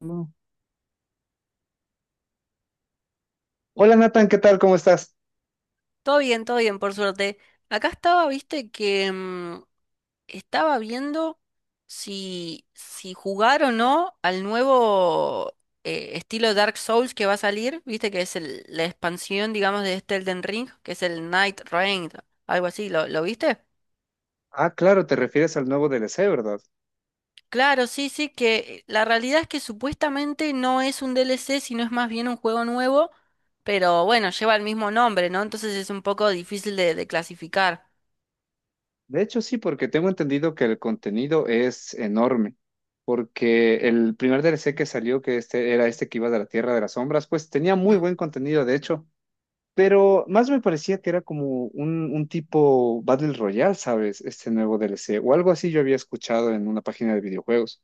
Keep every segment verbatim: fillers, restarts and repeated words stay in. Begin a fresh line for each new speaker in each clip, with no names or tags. No. Hola Nathan, ¿qué tal? ¿Cómo estás?
Todo bien, todo bien, por suerte. Acá estaba, viste, que mm, estaba viendo si, si jugar o no al nuevo eh, estilo Dark Souls que va a salir, viste, que es el- la expansión, digamos, de este Elden Ring, que es el Night Reign, algo así, ¿lo, lo viste?
Ah, claro, te refieres al nuevo D L C, ¿verdad?
Claro, sí, sí, que la realidad es que supuestamente no es un D L C, sino es más bien un juego nuevo, pero bueno, lleva el mismo nombre, ¿no? Entonces es un poco difícil de, de clasificar.
De hecho, sí, porque tengo entendido que el contenido es enorme, porque el primer D L C que salió, que este era este que iba de la Tierra de las Sombras, pues tenía muy buen contenido, de hecho, pero más me parecía que era como un, un tipo Battle Royale, ¿sabes? Este nuevo D L C, o algo así yo había escuchado en una página de videojuegos.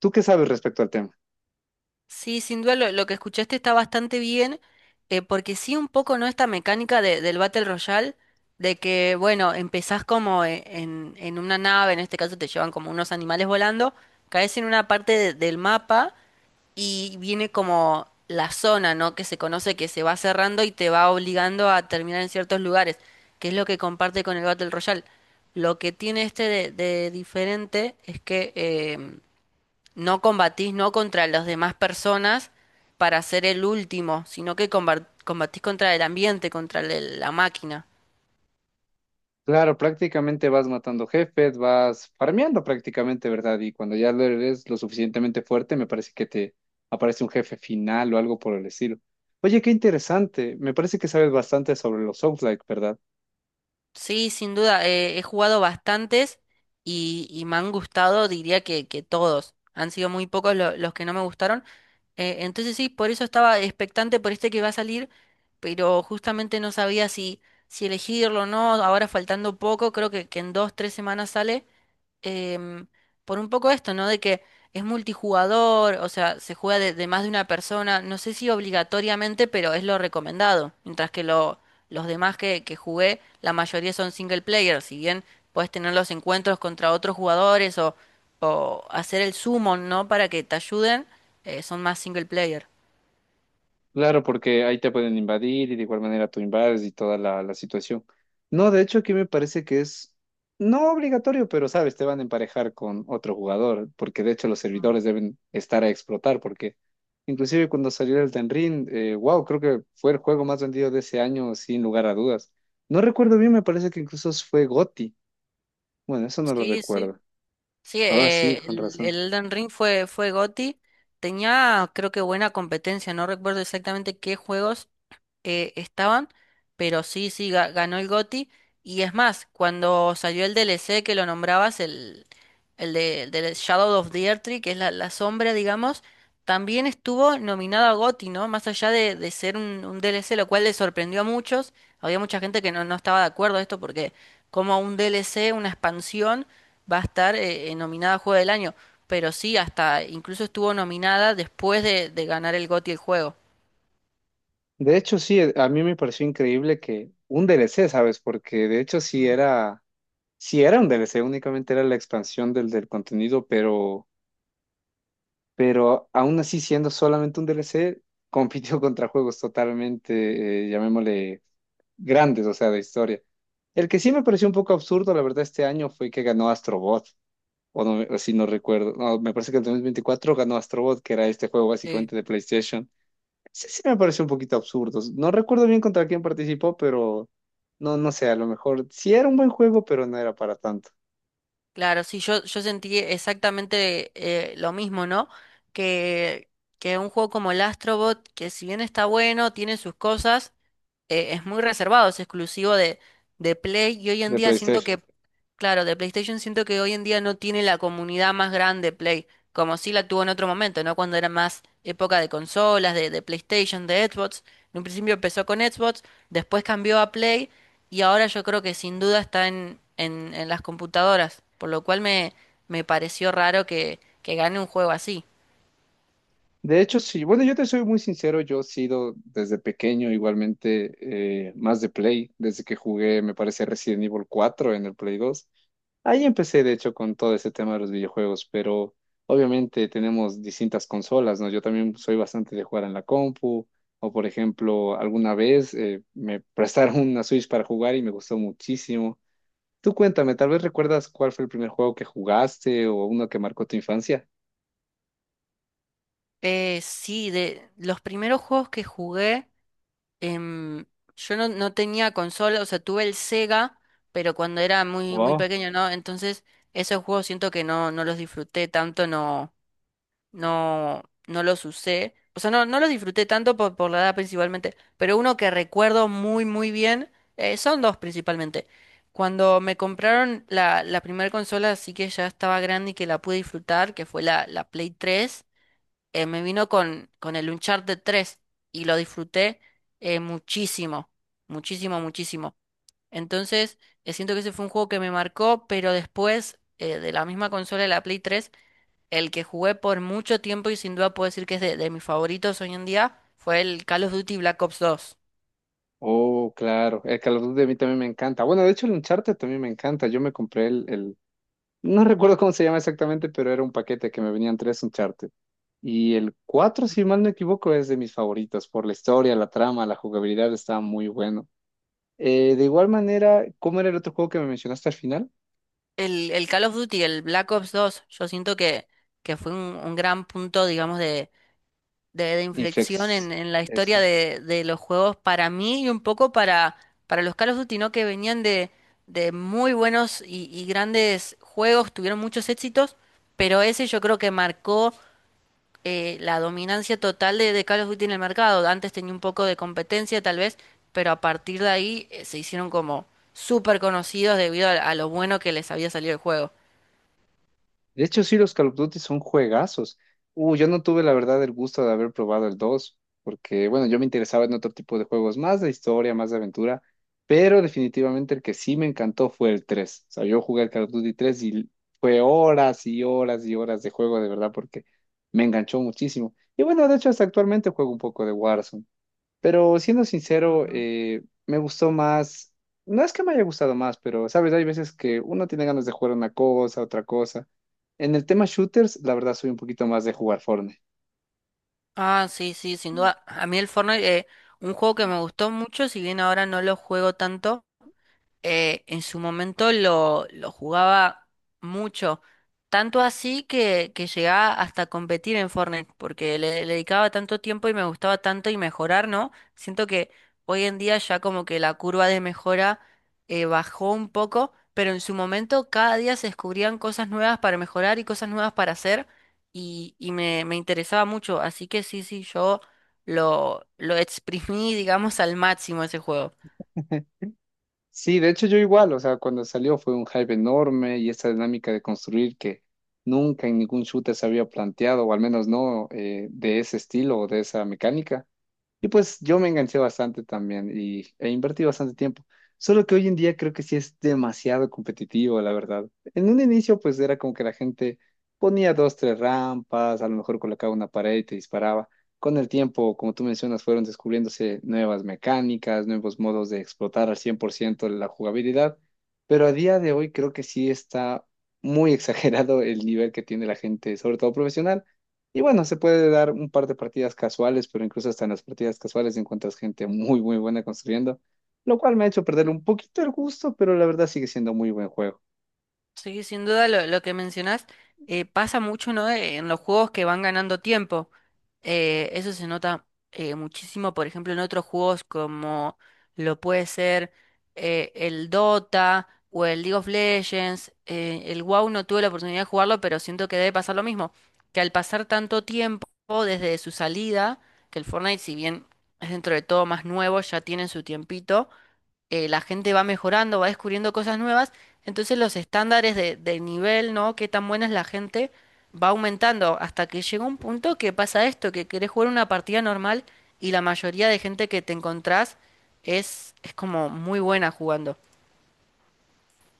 ¿Tú qué sabes respecto al tema?
Sí, sin duda lo, lo que escuchaste está bastante bien, eh, porque sí un poco no esta mecánica de- del Battle Royale, de que, bueno, empezás como e- en, en una nave, en este caso te llevan como unos animales volando, caes en una parte de- del mapa y viene como la zona, ¿no? Que se conoce que se va cerrando y te va obligando a terminar en ciertos lugares, que es lo que comparte con el Battle Royale. Lo que tiene este de, de diferente es que... eh, no combatís no contra las demás personas para ser el último, sino que combat- combatís contra el ambiente, contra el- la máquina.
Claro, prácticamente vas matando jefes, vas farmeando prácticamente, ¿verdad? Y cuando ya lo eres lo suficientemente fuerte, me parece que te aparece un jefe final o algo por el estilo. Oye, qué interesante. Me parece que sabes bastante sobre los Souls-like, ¿verdad?
Sí, sin duda, eh, he jugado bastantes y, y me han gustado, diría que, que todos. Han sido muy pocos lo- los que no me gustaron. Eh, entonces sí, por eso estaba expectante por este que va a salir, pero justamente no sabía si, si elegirlo o no. Ahora faltando poco, creo que, que en dos, tres semanas sale. em, por un poco esto, ¿no? De que es multijugador, o sea, se juega de, de más de una persona, no sé si obligatoriamente, pero es lo recomendado, mientras que lo, los demás que, que jugué, la mayoría son single player, si bien puedes tener los encuentros contra otros jugadores o, o hacer el summon, ¿no? Para que te ayuden, eh, son más single player.
Claro, porque ahí te pueden invadir y de igual manera tú invades y toda la, la situación. No, de hecho aquí me parece que es no obligatorio, pero sabes, te van a emparejar con otro jugador, porque de hecho los
Ah,
servidores deben estar a explotar, porque inclusive cuando salió el Elden Ring, eh, wow, creo que fue el juego más vendido de ese año sin lugar a dudas. No recuerdo bien, me parece que incluso fue GOTY. Bueno, eso no lo
sí, sí.
recuerdo.
Sí,
Ah, sí,
eh,
con
el, el
razón.
Elden Ring fue, fue G O T Y. Tenía, creo que buena competencia, no recuerdo exactamente qué juegos eh, estaban, pero sí, sí, ga- ganó el G O T Y. Y es más, cuando salió el D L C que lo nombrabas, el, el de, el de Shadow of the Earth Tree, que es la, la sombra, digamos, también estuvo nominado a G O T Y, ¿no? Más allá de, de ser un, un D L C, lo cual le sorprendió a muchos. Había mucha gente que no, no estaba de acuerdo a esto porque como un D L C, una expansión, va a estar eh, eh, nominada a Juego del Año. Pero sí, hasta incluso estuvo nominada después de, de ganar el G O T Y el juego.
De hecho, sí, a mí me pareció increíble que un D L C, ¿sabes? Porque de hecho sí era... si era un D L C, únicamente era la expansión del, del contenido, pero, pero aún así, siendo solamente un D L C, compitió contra juegos totalmente, eh, llamémosle, grandes, o sea, de historia. El que sí me pareció un poco absurdo, la verdad, este año fue que ganó Astrobot, o no, o si no recuerdo, no, me parece que en dos mil veinticuatro ganó Astrobot, que era este juego básicamente de PlayStation. Sí, sí me pareció un poquito absurdo. No recuerdo bien contra quién participó, pero no, no sé, a lo mejor sí era un buen juego, pero no era para tanto,
Claro, sí, yo, yo sentí exactamente eh, lo mismo, ¿no? Que, que un juego como el Astrobot, que si bien está bueno, tiene sus cosas, eh, es muy reservado, es exclusivo de, de Play y hoy en
de
día siento
PlayStation.
que, claro, de PlayStation siento que hoy en día no tiene la comunidad más grande Play, como sí la tuvo en otro momento, ¿no? Cuando era más época de consolas, de, de PlayStation, de Xbox. En un principio empezó con Xbox, después cambió a Play y ahora yo creo que sin duda está en, en, en las computadoras, por lo cual me, me pareció raro que, que gane un juego así.
De hecho, sí. Bueno, yo te soy muy sincero, yo he sido desde pequeño igualmente eh, más de Play, desde que jugué, me parece, Resident Evil cuatro en el Play dos. Ahí empecé, de hecho, con todo ese tema de los videojuegos, pero obviamente tenemos distintas consolas, ¿no? Yo también soy bastante de jugar en la compu, o por ejemplo, alguna vez eh, me prestaron una Switch para jugar y me gustó muchísimo. Tú cuéntame, tal vez recuerdas cuál fue el primer juego que jugaste o uno que marcó tu infancia.
Eh, sí, de los primeros juegos que jugué. em, yo no, no tenía consola, o sea, tuve el Sega, pero cuando era muy, muy pequeño, ¿no? Entonces, esos juegos siento que no, no los disfruté tanto, no, no, no los usé. O sea, no, no los disfruté tanto por, por la edad principalmente, pero uno que recuerdo muy, muy bien, eh, son dos principalmente. Cuando me compraron la, la primera consola, así que ya estaba grande y que la pude disfrutar, que fue la, la Play tres, eh, me vino con, con el Uncharted tres y lo disfruté eh, muchísimo, muchísimo, muchísimo. Entonces, eh, siento que ese fue un juego que me marcó, pero después eh, de la misma consola de la Play tres, el que jugué por mucho tiempo y sin duda puedo decir que es de, de mis favoritos hoy en día, fue el Call of Duty Black Ops dos.
Oh, claro. El Call of Duty a mí también me encanta. Bueno, de hecho el Uncharted también me encanta. Yo me compré el, el... No recuerdo cómo se llama exactamente, pero era un paquete que me venían tres Uncharted. Y el cuatro, si mal no equivoco, es de mis favoritos por la historia, la trama, la jugabilidad, está muy bueno. Eh, de igual manera, ¿cómo era el otro juego que me mencionaste al final?
El, el Call of Duty, el Black Ops dos, yo siento que, que fue un, un gran punto, digamos, de de, de inflexión
Inflex.
en, en la historia de, de los juegos para mí y un poco para, para los Call of Duty, ¿no? Que venían de, de muy buenos y, y grandes juegos, tuvieron muchos éxitos, pero ese yo creo que marcó eh, la dominancia total de, de Call of Duty en el mercado. Antes tenía un poco de competencia tal vez, pero a partir de ahí eh, se hicieron como súper conocidos debido a, a lo bueno que les había salido el juego.
De hecho, sí, los Call of Duty son juegazos. Uh, yo no tuve la verdad el gusto de haber probado el dos porque bueno, yo me interesaba en otro tipo de juegos, más de historia, más de aventura, pero definitivamente el que sí me encantó fue el tres. O sea, yo jugué el Call of Duty tres y fue horas y horas y horas de juego, de verdad, porque me enganchó muchísimo. Y bueno, de hecho, hasta actualmente juego un poco de Warzone. Pero siendo sincero, eh, me gustó más. No es que me haya gustado más, pero sabes, hay veces que uno tiene ganas de jugar una cosa, otra cosa. En el tema shooters, la verdad soy un poquito más de jugar Fortnite.
Ah, sí, sí, sin duda. A mí el Fortnite, eh, un juego que me gustó mucho, si bien ahora no lo juego tanto, eh, en su momento lo, lo jugaba mucho, tanto así que, que llegaba hasta a competir en Fortnite, porque le, le dedicaba tanto tiempo y me gustaba tanto y mejorar, ¿no? Siento que hoy en día ya como que la curva de mejora eh, bajó un poco, pero en su momento cada día se descubrían cosas nuevas para mejorar y cosas nuevas para hacer y, y me, me interesaba mucho, así que sí, sí, yo lo, lo exprimí, digamos, al máximo ese juego.
Sí, de hecho yo igual, o sea, cuando salió fue un hype enorme y esta dinámica de construir que nunca en ningún shooter se había planteado, o al menos no eh, de ese estilo o de esa mecánica. Y pues yo me enganché bastante también y, e invertí bastante tiempo. Solo que hoy en día creo que sí es demasiado competitivo, la verdad. En un inicio pues era como que la gente ponía dos, tres rampas, a lo mejor colocaba una pared y te disparaba. Con el tiempo, como tú mencionas, fueron descubriéndose nuevas mecánicas, nuevos modos de explotar al cien por ciento la jugabilidad. Pero a día de hoy creo que sí está muy exagerado el nivel que tiene la gente, sobre todo profesional. Y bueno, se puede dar un par de partidas casuales, pero incluso hasta en las partidas casuales encuentras gente muy, muy buena construyendo, lo cual me ha hecho perder un poquito el gusto, pero la verdad sigue siendo muy buen juego.
Sí, sin duda lo, lo que mencionás eh, pasa mucho, ¿no? Eh, en los juegos que van ganando tiempo. Eh, eso se nota eh, muchísimo, por ejemplo, en otros juegos como lo puede ser eh, el Dota o el League of Legends. Eh, el WoW no tuve la oportunidad de jugarlo, pero siento que debe pasar lo mismo. Que al pasar tanto tiempo desde su salida, que el Fortnite, si bien es dentro de todo más nuevo, ya tiene su tiempito, eh, la gente va mejorando, va descubriendo cosas nuevas, entonces los estándares de, de nivel, ¿no? Qué tan buena es la gente, va aumentando hasta que llega un punto que pasa esto, que querés jugar una partida normal y la mayoría de gente que te encontrás es, es como muy buena jugando.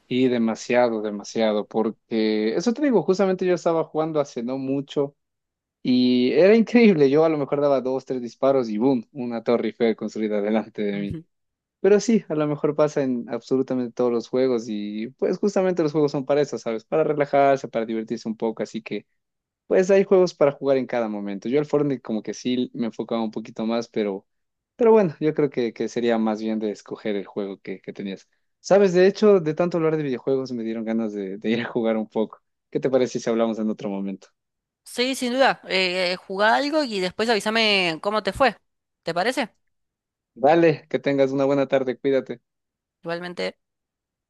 Y demasiado, demasiado, porque eso te digo, justamente yo estaba jugando hace no mucho y era increíble. Yo a lo mejor daba dos, tres disparos y boom, una torre Eiffel construida delante de mí.
Ujú.
Pero sí, a lo mejor pasa en absolutamente todos los juegos y pues justamente los juegos son para eso, ¿sabes? Para relajarse, para divertirse un poco, así que... Pues hay juegos para jugar en cada momento. Yo al Fortnite como que sí me enfocaba un poquito más, pero, pero bueno, yo creo que, que sería más bien de escoger el juego que, que tenías. Sabes, de hecho, de tanto hablar de videojuegos me dieron ganas de, de ir a jugar un poco. ¿Qué te parece si hablamos en otro momento?
Sí, sin duda, eh, eh, jugá algo y después avísame cómo te fue, ¿te parece?
Vale, que tengas una buena tarde, cuídate.
Igualmente...